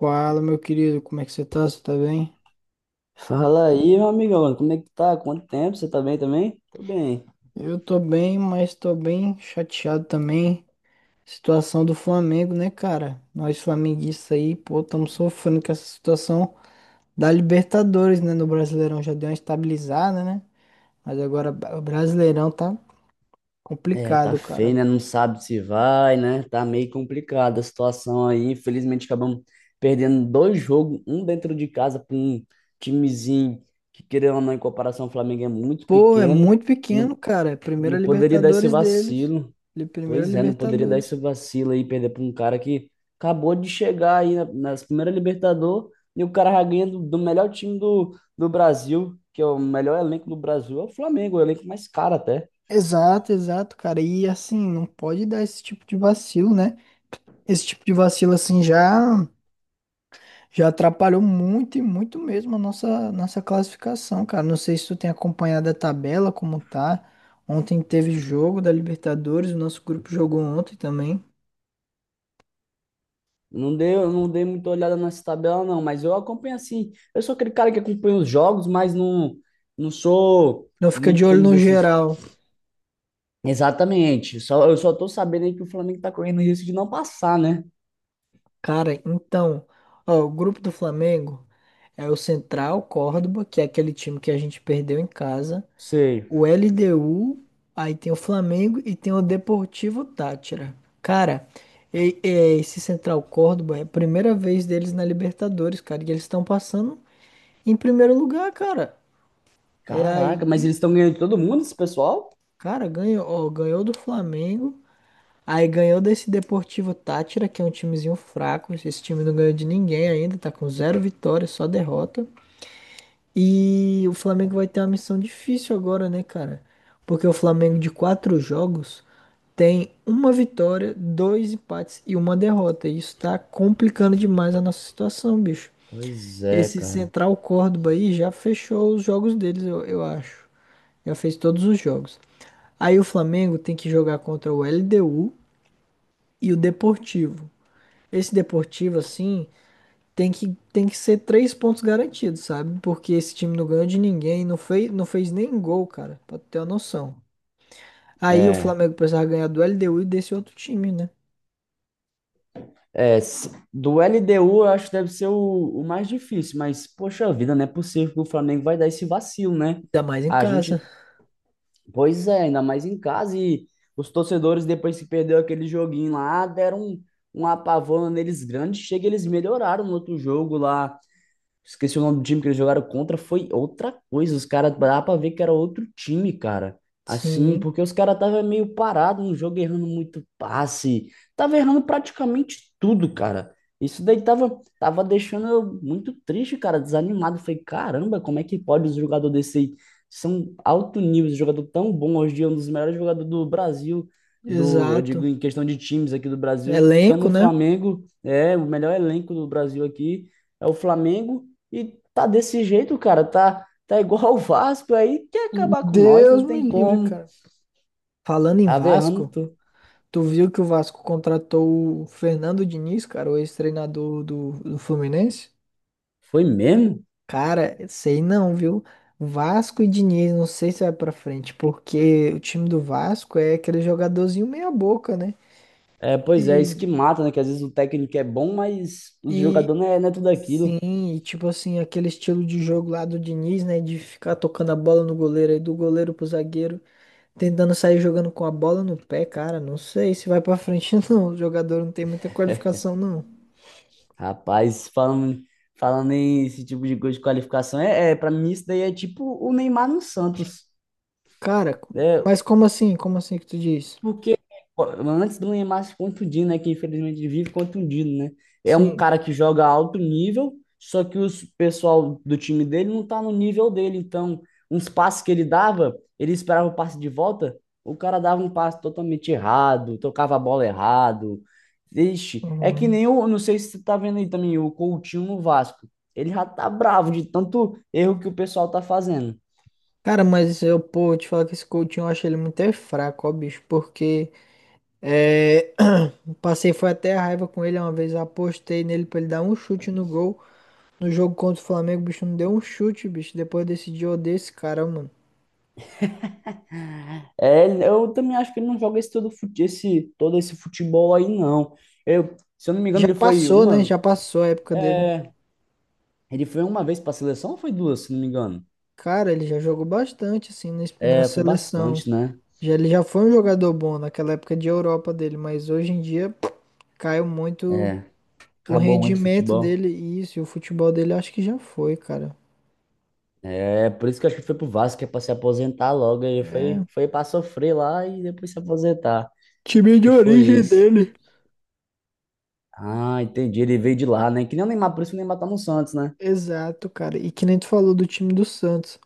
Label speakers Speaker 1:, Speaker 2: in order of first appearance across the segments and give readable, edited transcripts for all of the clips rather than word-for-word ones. Speaker 1: Fala, meu querido, como é que você tá? Você tá bem?
Speaker 2: Fala aí, meu amigão, como é que tá? Quanto tempo? Você tá bem também? Tô bem.
Speaker 1: Eu tô bem, mas tô bem chateado também. Situação do Flamengo, né, cara? Nós flamenguistas aí, pô, estamos sofrendo com essa situação da Libertadores, né? No Brasileirão já deu uma estabilizada, né? Mas agora o Brasileirão tá
Speaker 2: É, tá
Speaker 1: complicado,
Speaker 2: feio,
Speaker 1: cara.
Speaker 2: né? Não sabe se vai, né? Tá meio complicada a situação aí. Infelizmente, acabamos perdendo dois jogos, um dentro de casa para um timezinho que, querendo ou não, em comparação ao Flamengo, é muito
Speaker 1: Pô, é
Speaker 2: pequeno.
Speaker 1: muito pequeno,
Speaker 2: Não,
Speaker 1: cara. É a
Speaker 2: não
Speaker 1: primeira
Speaker 2: poderia dar esse
Speaker 1: Libertadores deles.
Speaker 2: vacilo.
Speaker 1: Primeira
Speaker 2: Pois é, não poderia dar esse
Speaker 1: Libertadores.
Speaker 2: vacilo aí, perder para um cara que acabou de chegar aí nas primeiras Libertadores e o cara já ganha do melhor time do Brasil, que é o melhor elenco do Brasil, é o Flamengo, o elenco mais caro até.
Speaker 1: Exato, exato, cara. E assim, não pode dar esse tipo de vacilo, né? Esse tipo de vacilo assim já atrapalhou muito e muito mesmo a nossa classificação, cara. Não sei se tu tem acompanhado a tabela como tá. Ontem teve jogo da Libertadores, o nosso grupo jogou ontem também.
Speaker 2: Não dei, eu não dei muita olhada nessa tabela, não, mas eu acompanho assim. Eu sou aquele cara que acompanha os jogos, não sou
Speaker 1: Não fica de
Speaker 2: muito
Speaker 1: olho
Speaker 2: entendido
Speaker 1: no
Speaker 2: desses.
Speaker 1: geral.
Speaker 2: Exatamente, só, eu só tô sabendo aí que o Flamengo tá correndo risco de não passar, né?
Speaker 1: Cara, então, ó, o grupo do Flamengo é o Central Córdoba, que é aquele time que a gente perdeu em casa.
Speaker 2: Sei.
Speaker 1: O LDU, aí tem o Flamengo e tem o Deportivo Táchira. Cara, e esse Central Córdoba é a primeira vez deles na Libertadores, cara, e eles estão passando em primeiro lugar, cara. E
Speaker 2: Caraca, mas
Speaker 1: aí,
Speaker 2: eles estão ganhando de todo mundo, esse pessoal?
Speaker 1: cara, ganhou, ó, ganhou do Flamengo, aí ganhou desse Deportivo Táchira, que é um timezinho fraco, esse time não ganhou de ninguém ainda, tá com zero vitórias, só derrota. E o Flamengo vai ter uma missão difícil agora, né, cara? Porque o Flamengo de quatro jogos tem uma vitória, dois empates e uma derrota. E isso tá complicando demais a nossa situação, bicho.
Speaker 2: Pois é,
Speaker 1: Esse
Speaker 2: cara.
Speaker 1: Central Córdoba aí já fechou os jogos deles, eu acho. Já fez todos os jogos. Aí o Flamengo tem que jogar contra o LDU e o Deportivo. Esse Deportivo, assim, tem que ser três pontos garantidos, sabe? Porque esse time não ganhou de ninguém, não fez nem gol, cara, pra tu ter uma noção. Aí o
Speaker 2: É,
Speaker 1: Flamengo precisava ganhar do LDU e desse outro time, né?
Speaker 2: s- do LDU eu acho que deve ser o mais difícil, mas poxa vida, não é possível que o Flamengo vai dar esse vacilo, né?
Speaker 1: Ainda mais em
Speaker 2: A
Speaker 1: casa.
Speaker 2: gente, pois é, ainda mais em casa e os torcedores depois que perdeu aquele joguinho lá, deram um apavoro neles grande, chega eles melhoraram no outro jogo lá. Esqueci o nome do time que eles jogaram contra, foi outra coisa. Os caras, dá pra ver que era outro time, cara. Assim,
Speaker 1: Sim,
Speaker 2: porque os caras estavam meio parados no jogo, errando muito passe. Tava errando praticamente tudo, cara. Isso daí tava deixando eu muito triste, cara, desanimado. Falei, caramba, como é que pode os jogadores desse aí? São alto nível, esse jogador tão bom hoje em dia, um dos melhores jogadores do Brasil, do, eu
Speaker 1: exato.
Speaker 2: digo em questão de times aqui do Brasil. Estamos
Speaker 1: Elenco,
Speaker 2: no
Speaker 1: né?
Speaker 2: Flamengo, é o melhor elenco do Brasil aqui. É o Flamengo e tá desse jeito, cara. Tá igual o Vasco aí, quer acabar com nós,
Speaker 1: Deus
Speaker 2: não
Speaker 1: me
Speaker 2: tem
Speaker 1: livre,
Speaker 2: como.
Speaker 1: cara. Falando em
Speaker 2: Tava errando
Speaker 1: Vasco,
Speaker 2: tudo.
Speaker 1: tu viu que o Vasco contratou o Fernando Diniz, cara, o ex-treinador do Fluminense?
Speaker 2: Foi mesmo?
Speaker 1: Cara, sei não, viu? Vasco e Diniz, não sei se vai pra frente, porque o time do Vasco é aquele jogadorzinho meia boca, né?
Speaker 2: É, pois é, isso
Speaker 1: E,
Speaker 2: que mata, né? Que às vezes o técnico é bom, mas os
Speaker 1: e
Speaker 2: jogadores não é, não é tudo aquilo.
Speaker 1: sim, e tipo assim, aquele estilo de jogo lá do Diniz, né? De ficar tocando a bola no goleiro aí, do goleiro pro zagueiro. Tentando sair jogando com a bola no pé, cara. Não sei se vai pra frente, não. O jogador não tem muita qualificação, não.
Speaker 2: Rapaz, falando em esse tipo de coisa de qualificação, é para mim isso daí é tipo o Neymar no Santos.
Speaker 1: Cara,
Speaker 2: É,
Speaker 1: mas como assim? Como assim que tu diz?
Speaker 2: porque ó, antes do Neymar se contundir, né? Que infelizmente vive contundido, né? É um
Speaker 1: Sim.
Speaker 2: cara que joga alto nível, só que os pessoal do time dele não tá no nível dele. Então, uns passes que ele dava, ele esperava o passe de volta, o cara dava um passe totalmente errado, tocava a bola errado. Vixe, é que
Speaker 1: Uhum.
Speaker 2: nem o, não sei se você tá vendo aí também, o Coutinho no Vasco. Ele já tá bravo de tanto erro que o pessoal tá fazendo.
Speaker 1: Cara, mas eu, pô, eu te falar que esse Coutinho eu achei ele muito é fraco, ó, bicho. Porque é, passei, foi até a raiva com ele uma vez. Eu apostei nele pra ele dar um chute no gol. No jogo contra o Flamengo, o bicho não deu um chute, bicho. Depois eu decidi odiar esse cara, mano.
Speaker 2: É, eu também acho que ele não joga esse todo, esse, todo esse futebol aí, não. Se eu não me engano,
Speaker 1: Já passou, né? Já passou a época dele.
Speaker 2: ele foi uma vez para a seleção ou foi duas, se não me engano?
Speaker 1: Cara, ele já jogou bastante, assim, na na
Speaker 2: É, foi
Speaker 1: seleção.
Speaker 2: bastante, né?
Speaker 1: Já, ele já foi um jogador bom naquela época de Europa dele, mas hoje em dia caiu muito o
Speaker 2: Acabou muito o
Speaker 1: rendimento
Speaker 2: futebol.
Speaker 1: dele e isso, e o futebol dele acho que já foi, cara.
Speaker 2: É, por isso que eu acho que foi pro Vasco, que é pra se aposentar logo.
Speaker 1: É,
Speaker 2: Foi pra sofrer lá e depois se aposentar.
Speaker 1: time
Speaker 2: Acho que
Speaker 1: de
Speaker 2: foi
Speaker 1: origem
Speaker 2: isso.
Speaker 1: dele.
Speaker 2: Ah, entendi. Ele veio de lá, né? Que nem o Neymar, por isso que o Neymar tá no Santos, né?
Speaker 1: Exato, cara. E que nem tu falou do time do Santos.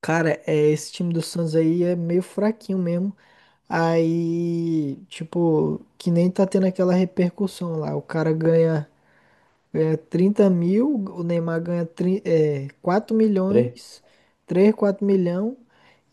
Speaker 1: Cara, é, esse time do Santos aí é meio fraquinho mesmo. Aí, tipo, que nem tá tendo aquela repercussão lá. O cara ganha 30 mil, o Neymar ganha 4
Speaker 2: Três.
Speaker 1: milhões, três quatro milhões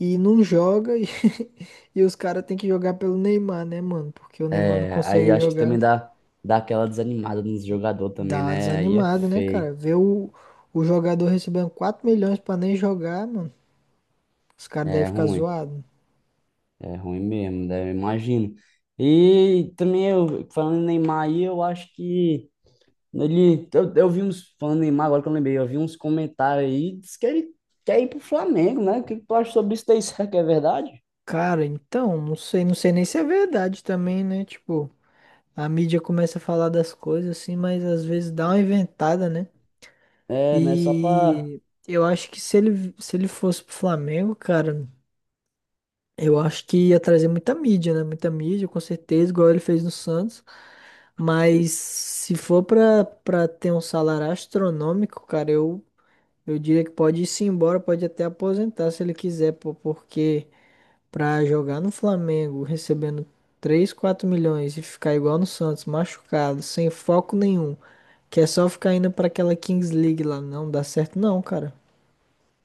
Speaker 1: e não joga. E, e os caras têm que jogar pelo Neymar, né, mano? Porque o Neymar não
Speaker 2: É, aí
Speaker 1: consegue
Speaker 2: acho que também
Speaker 1: jogar.
Speaker 2: dá aquela desanimada nos jogador
Speaker 1: Dá
Speaker 2: também,
Speaker 1: uma
Speaker 2: né? Aí é
Speaker 1: desanimada, né, cara?
Speaker 2: feio.
Speaker 1: Ver o jogador recebendo 4 milhões pra nem jogar, mano. Os caras devem
Speaker 2: É
Speaker 1: ficar
Speaker 2: ruim,
Speaker 1: zoados.
Speaker 2: é ruim mesmo, né? Eu imagino. E também, eu, falando em Neymar aí, eu acho que ele. Eu vi uns. Falando em Neymar, agora que eu lembrei, eu vi uns comentários aí, diz que ele quer ir pro Flamengo, né? O que que tu acha sobre isso daí? Será que é verdade?
Speaker 1: Cara, então, não sei, não sei nem se é verdade também, né? Tipo, a mídia começa a falar das coisas assim, mas às vezes dá uma inventada, né?
Speaker 2: É, né? Só pra
Speaker 1: E eu acho que se ele fosse pro Flamengo, cara, eu acho que ia trazer muita mídia, né? Muita mídia, com certeza, igual ele fez no Santos. Mas se for pra ter um salário astronômico, cara, eu diria que pode ir se embora, pode até aposentar se ele quiser, pô, porque pra jogar no Flamengo recebendo 3, 4 milhões e ficar igual no Santos, machucado, sem foco nenhum, que é só ficar indo pra aquela Kings League lá, não dá certo não, cara.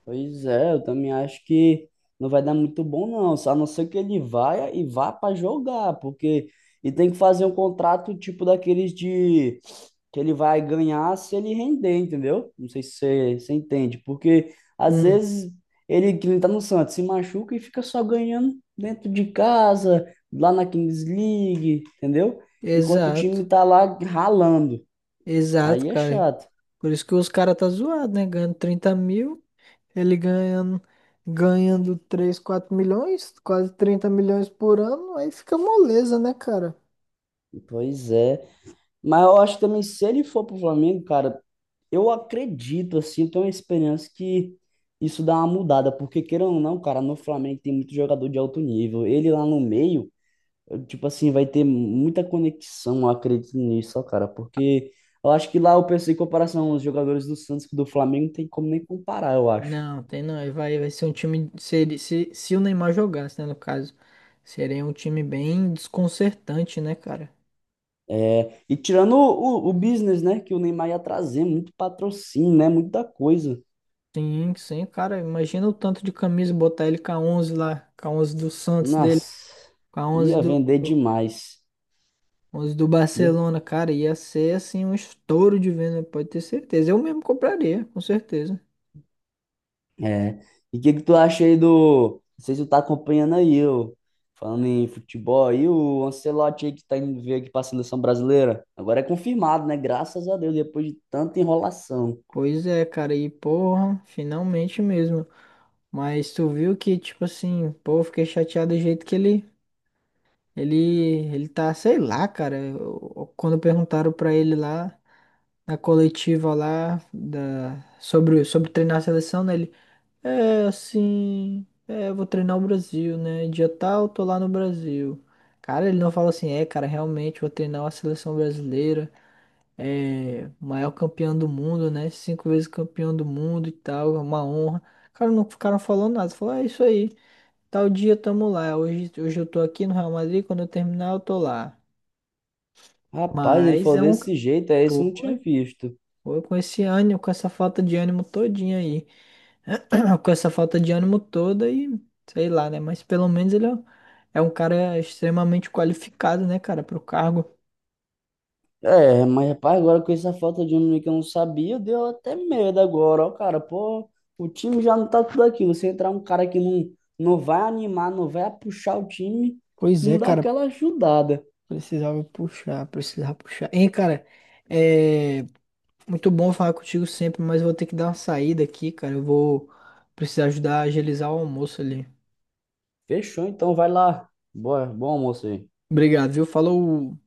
Speaker 2: pois é, eu também acho que não vai dar muito bom, não. Só a não ser que ele vá e vá para jogar, porque e tem que fazer um contrato tipo daqueles de que ele vai ganhar se ele render, entendeu? Não sei se você entende, porque às
Speaker 1: Hum.
Speaker 2: vezes ele que não tá no Santos se machuca e fica só ganhando dentro de casa, lá na Kings League, entendeu? Enquanto o time
Speaker 1: Exato,
Speaker 2: tá lá ralando.
Speaker 1: exato,
Speaker 2: Aí é
Speaker 1: cara.
Speaker 2: chato.
Speaker 1: Por isso que os caras tá zoado, né? Ganhando 30 mil, ele ganhando, 3 4 milhões, quase 30 milhões por ano, aí fica moleza, né, cara?
Speaker 2: Pois é. Mas eu acho também, se ele for pro Flamengo, cara. Eu acredito, assim, eu tenho uma experiência que isso dá uma mudada, porque queira ou não, cara, no Flamengo tem muito jogador de alto nível. Ele lá no meio, eu, tipo assim, vai ter muita conexão, eu acredito nisso, ó, cara, porque eu acho que lá eu pensei em comparação aos jogadores do Santos que do Flamengo, não tem como nem comparar, eu acho.
Speaker 1: Não, tem não. Aí vai ser um time. Se o Neymar jogasse, né, no caso, seria um time bem desconcertante, né, cara?
Speaker 2: É, e tirando o business, né, que o Neymar ia trazer, muito patrocínio, né, muita coisa.
Speaker 1: Sim, sim, cara. Imagina o tanto de camisa botar ele com a 11 lá, com a 11 do Santos dele,
Speaker 2: Nossa,
Speaker 1: com a 11
Speaker 2: ia
Speaker 1: do.
Speaker 2: vender demais.
Speaker 1: Os do
Speaker 2: Ia.
Speaker 1: Barcelona, cara, ia ser assim um estouro de venda, pode ter certeza. Eu mesmo compraria, com certeza.
Speaker 2: É. E o que que tu acha aí do. Não sei se tu tá acompanhando aí, ô, falando em futebol aí, o Ancelotti aí que tá indo ver aqui pra seleção brasileira. Agora é confirmado, né? Graças a Deus, depois de tanta enrolação.
Speaker 1: Pois é, cara, e porra, finalmente mesmo. Mas tu viu que, tipo assim, pô, eu fiquei chateado do jeito que ele, ele tá, sei lá, cara. Quando perguntaram pra ele lá, na coletiva lá, sobre treinar a seleção, né? É, assim, é, eu vou treinar o Brasil, né? Dia tal, tô lá no Brasil. Cara, ele não fala assim, é, cara, realmente vou treinar a seleção brasileira, é, o maior campeão do mundo, né? Cinco vezes campeão do mundo e tal, é uma honra. Cara, não ficaram falando nada, falou, é isso aí, tal dia tamo lá, hoje eu tô aqui no Real Madrid, quando eu terminar eu tô lá.
Speaker 2: Rapaz, ele
Speaker 1: Mas
Speaker 2: falou
Speaker 1: é um.
Speaker 2: desse jeito, é esse eu não tinha
Speaker 1: Foi,
Speaker 2: visto.
Speaker 1: foi com esse ânimo, com essa falta de ânimo todinha aí. Com essa falta de ânimo toda e sei lá, né? Mas pelo menos ele é um cara extremamente qualificado, né, cara, pro cargo.
Speaker 2: É, mas rapaz, agora com essa falta de um menino que eu não sabia, deu até medo agora, ó, cara. Pô, o time já não tá tudo aqui. Você entrar um cara que não vai animar, não vai puxar o time,
Speaker 1: Pois é,
Speaker 2: não dá
Speaker 1: cara,
Speaker 2: aquela ajudada.
Speaker 1: precisava puxar, precisava puxar. Hein, cara, é muito bom falar contigo sempre, mas vou ter que dar uma saída aqui, cara. Eu vou precisar ajudar a agilizar o almoço ali.
Speaker 2: Fechou, então vai lá. Boa, bom almoço aí.
Speaker 1: Obrigado, viu? Falou.